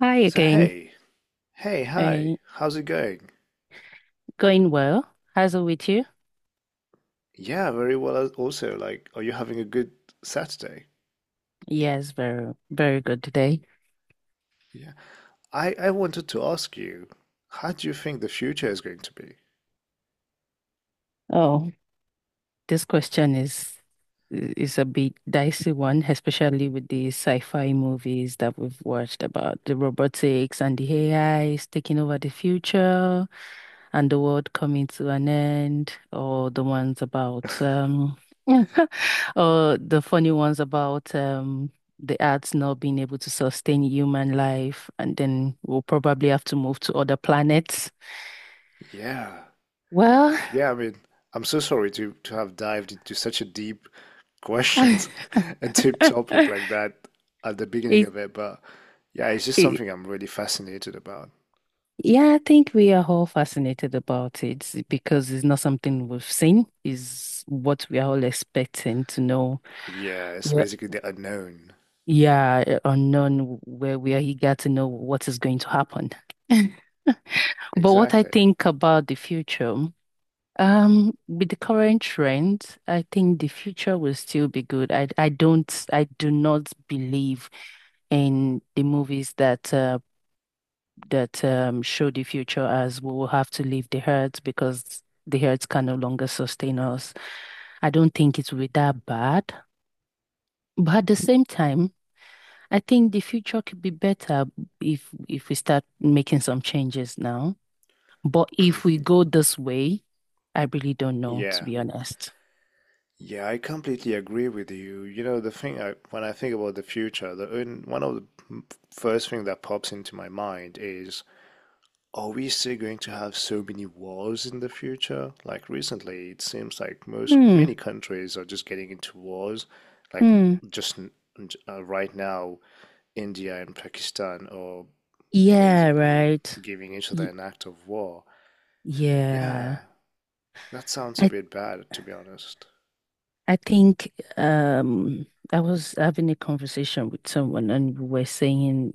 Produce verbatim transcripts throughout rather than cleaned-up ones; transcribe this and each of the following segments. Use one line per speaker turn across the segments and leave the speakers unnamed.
Hi
So
again.
hey, hey, hi,
Uh,
how's it going?
Going well. How's it with you?
Yeah, very well as- also. Like, are you having a good Saturday?
Yes, very, very good today.
Yeah. I I wanted to ask you, how do you think the future is going to be?
Oh, this question is is a bit dicey one, especially with the sci-fi movies that we've watched about the robotics and the A Is taking over the future. And the world coming to an end, or the ones about um or the funny ones about um the Earth not being able to sustain human life, and then we'll probably have to move to other planets.
Yeah.
Well,
Yeah, I mean, I'm so sorry to to have dived into such a deep questions, a deep topic
it,
like that at the beginning of it, but yeah, it's just
it
something I'm really fascinated about.
yeah, I think we are all fascinated about it because it's not something we've seen, is what we are all expecting to know.
Yeah, it's
We
basically the unknown.
Yeah, uh, unknown where where he got to know what is going to happen. But what I
Exactly.
think about the future, um, with the current trend, I think the future will still be good. I I don't I do not believe in the movies that uh, that um, show the future as we will have to leave the earth because the earth can no longer sustain us. I don't think it will be that bad. But at the same time. I think the future could be better if if we start making some changes now. But if we go this way, I really don't know, to
Yeah.
be honest.
Yeah, I completely agree with you. You know, the thing I, When I think about the future, the un- one of the m- first thing that pops into my mind is, are we still going to have so many wars in the future? Like recently, it seems like most
Hmm.
many countries are just getting into wars. Like
Hmm.
just n- j- uh, right now, India and Pakistan are
Yeah,
basically
right.
giving each other
Y
an act of war.
Yeah.
Yeah, that sounds a
I
bit bad, to be honest.
I think um I was having a conversation with someone and we were saying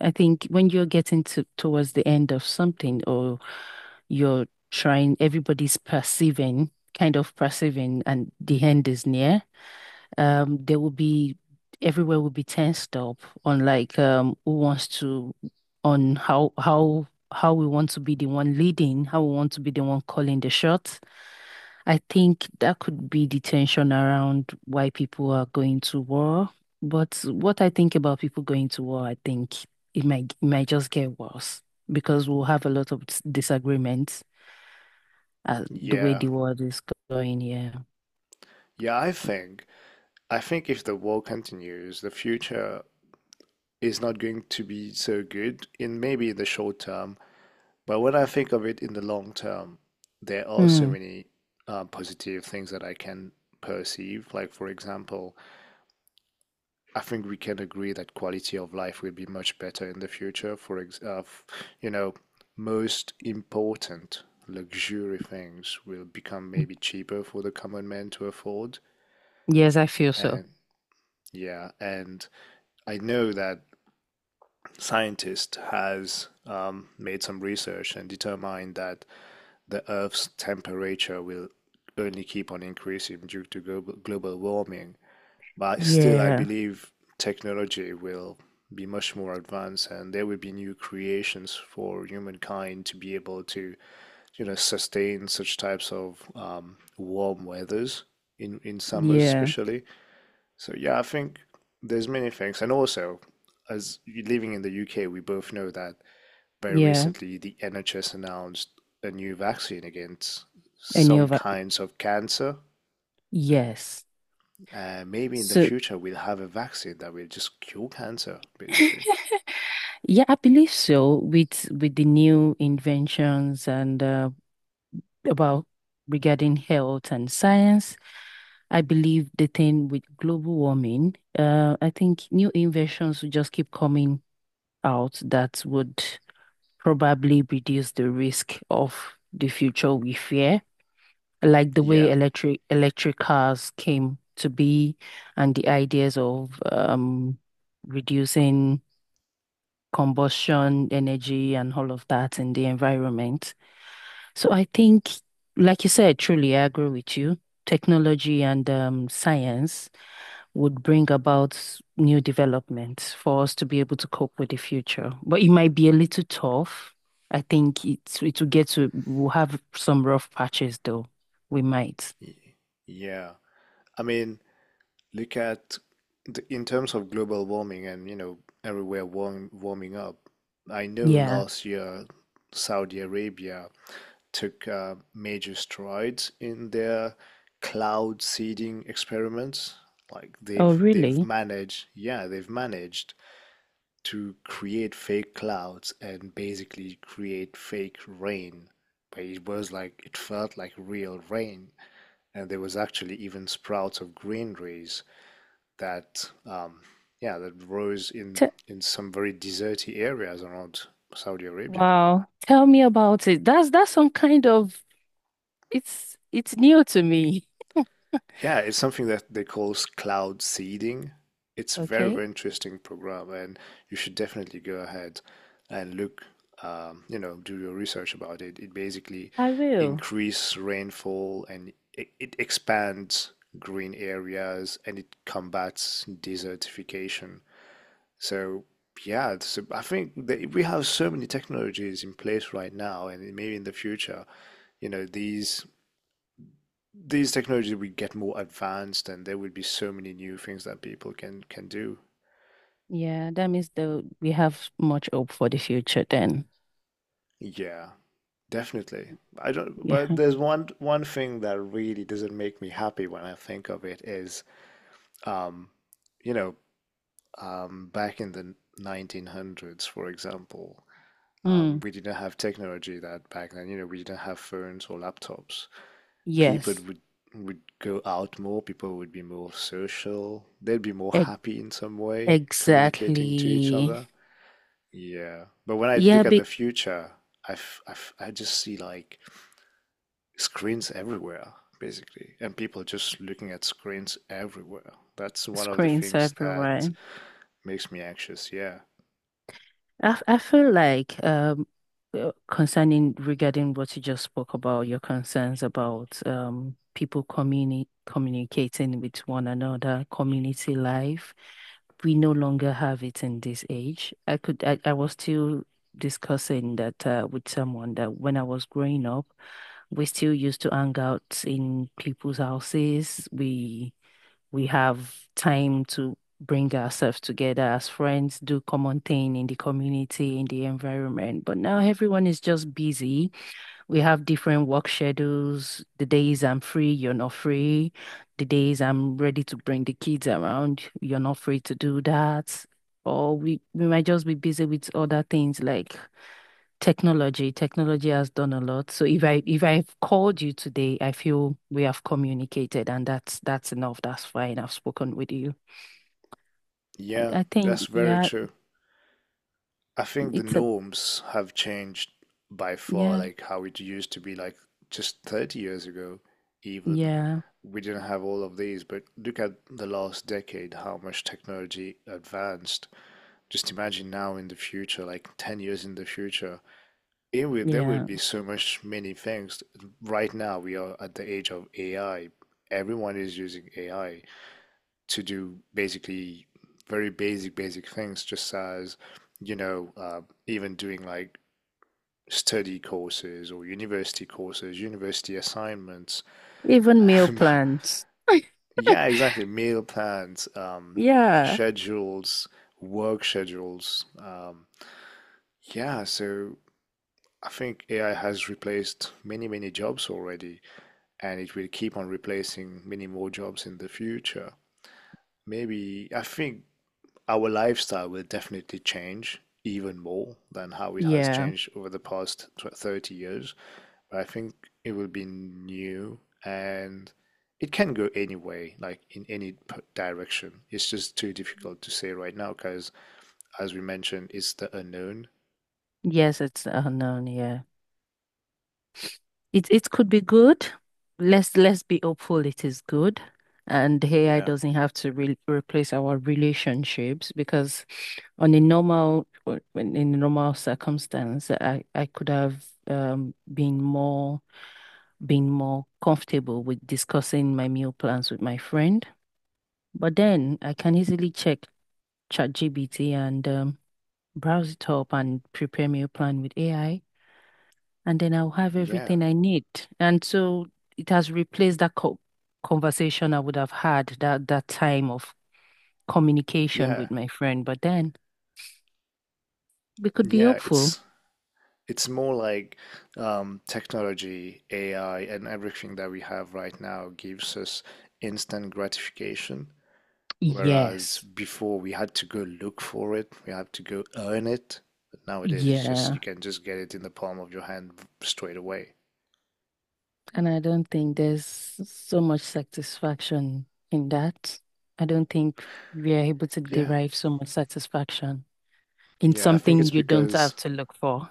I think when you're getting to towards the end of something or you're trying everybody's perceiving kind of perceiving and the end is near um there will be everywhere will be tensed up on like um who wants to on how how how we want to be the one leading how we want to be the one calling the shots. I think that could be the tension around why people are going to war. But what I think about people going to war, I think it might it might just get worse because we'll have a lot of dis- disagreements, uh, the way
Yeah.
the world is going, yeah.
Yeah, I think I think if the war continues, the future is not going to be so good in maybe in the short term, but when I think of it in the long term, there are so
Mm.
many uh, positive things that I can perceive. Like, for example, I think we can agree that quality of life will be much better in the future. For ex uh, you know, most important luxury things will become maybe cheaper for the common man to afford.
Yes, I feel so.
And yeah, and I know that scientist has um, made some research and determined that the Earth's temperature will only keep on increasing due to global, global warming. But still, I
Yeah.
believe technology will be much more advanced and there will be new creations for humankind to be able to, you know, sustain such types of um, warm weathers in in summers
Yeah.
especially. So yeah, I think there's many things, and also, as living in the UK, we both know that very
Yeah,
recently, the N H S announced a new vaccine against
any
some
of that.
kinds of cancer.
Yes.
Uh, maybe in the
So
future, we'll have a vaccine that will just cure cancer, basically.
yeah, I believe so with with the new inventions and uh, about regarding health and science. I believe the thing with global warming, uh, I think new inventions will just keep coming out that would probably reduce the risk of the future we fear. Like the way
Yeah.
electric electric cars came to be and the ideas of um reducing combustion energy and all of that in the environment. So I think, like you said, truly I agree with you. Technology and um, science would bring about new developments for us to be able to cope with the future. But it might be a little tough. I think it's it will get to we'll have some rough patches though. We might.
Yeah. I mean, look at the, in terms of global warming and, you know, everywhere warm, warming up. I know
Yeah.
last year, Saudi Arabia took uh, major strides in their cloud seeding experiments. Like
Oh,
they've they've
really?
managed, yeah, they've managed to create fake clouds and basically create fake rain. But it was like it felt like real rain, and there was actually even sprouts of green that, um, yeah, that rose in
Te
in some very deserty areas around Saudi Arabia.
Wow. Tell me about it. That's that's some kind of it's it's new to me.
Yeah, it's something that they call s- cloud seeding. It's a very,
Okay,
very interesting program, and you should definitely go ahead and look, um, you know, do your research about it. It basically
I will.
increase rainfall and it, it expands green areas and it combats desertification. So yeah, so I think that we have so many technologies in place right now, and maybe in the future, you know, these these technologies will get more advanced and there will be so many new things that people can can do.
Yeah, that means the we have much hope for the future then.
Yeah, definitely. I don't, but
Yeah.
there's one one thing that really doesn't make me happy when I think of it is, um, you know, um, back in the nineteen hundreds, for example, um,
Mm,
we didn't have technology that back then. You know, we didn't have phones or laptops. People
yes.
would would go out more. People would be more social. They'd be more
E
happy in some way, communicating to each
Exactly.
other. Yeah, but when I
Yeah,
look at the
big
future, I, f- I, f- I just see like screens everywhere, basically, and people just looking at screens everywhere. That's one of the
screens
things that
everywhere.
makes me anxious. Yeah,
I, I feel like um uh, concerning regarding what you just spoke about, your concerns about um people communi communicating with one another, community life, we no longer have it in this age. I could I, I was still discussing that uh, with someone that when I was growing up, we still used to hang out in people's houses. We we have time to bring ourselves together as friends, do common thing in the community, in the environment. But now everyone is just busy. We have different work schedules. The days I'm free, you're not free. The days I'm ready to bring the kids around, you're not free to do that. Or we, we might just be busy with other things like Technology, technology has done a lot. So if I if I've called you today, I feel we have communicated and that's that's enough. That's fine. I've spoken with you.
yeah,
I think,
that's very
yeah,
true. I think the
it's a
norms have changed by far,
yeah,
like how it used to be, like just thirty years ago, even.
yeah,
We didn't have all of these, but look at the last decade, how much technology advanced. Just imagine now in the future, like ten years in the future, it will, there will
yeah.
be so much many things. Right now, we are at the age of A I. Everyone is using A I to do basically very basic, basic things, just as, you know, uh, even doing like study courses or university courses, university assignments.
Even meal plans.
Yeah, exactly. Meal plans, um,
Yeah.
schedules, work schedules. Um, yeah, so I think A I has replaced many, many jobs already, and it will keep on replacing many more jobs in the future. Maybe I think our lifestyle will definitely change even more than how it has
Yeah.
changed over the past tw- thirty years. But I think it will be new and it can go any way, like in any p- direction. It's just too difficult to say right now because, as we mentioned, it's the unknown.
Yes, it's unknown, yeah. It it could be good. Let's let's be hopeful it is good. And A I
Yeah.
doesn't have to re replace our relationships because on a normal w- in a normal circumstance, I, I could have um been more been more comfortable with discussing my meal plans with my friend. But then I can easily check ChatGPT and um, browse it up and prepare meal plan with A I, and then I'll have
Yeah.
everything I need. And so it has replaced that co conversation I would have had that that time of communication with
Yeah.
my friend. But then we could be
Yeah.
hopeful.
It's. It's more like um, technology, A I, and everything that we have right now gives us instant gratification, whereas
Yes.
before we had to go look for it, we had to go earn it. But nowadays, it's just you
Yeah.
can just get it in the palm of your hand straight away.
And I don't think there's so much satisfaction in that. I don't think we are able to
Yeah,
derive so much satisfaction in
yeah, I think
something
it's
you don't have
because
to look for.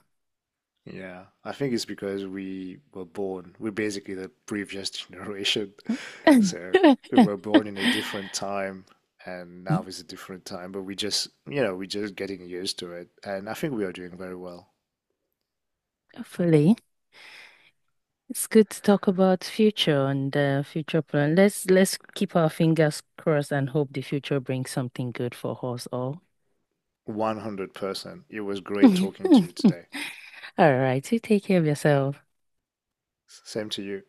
Yeah, I think it's because we were born, we're basically the previous generation. So we were born in a different time and now is a different time, but we just, you know, we're just getting used to it. And I think we are doing very well.
Hopefully. It's good to talk about future and uh, future plan. Let's let's keep our fingers crossed and hope the future brings something good for us all.
one hundred percent. It was great talking to you today.
All right, you take care of yourself.
Same to you.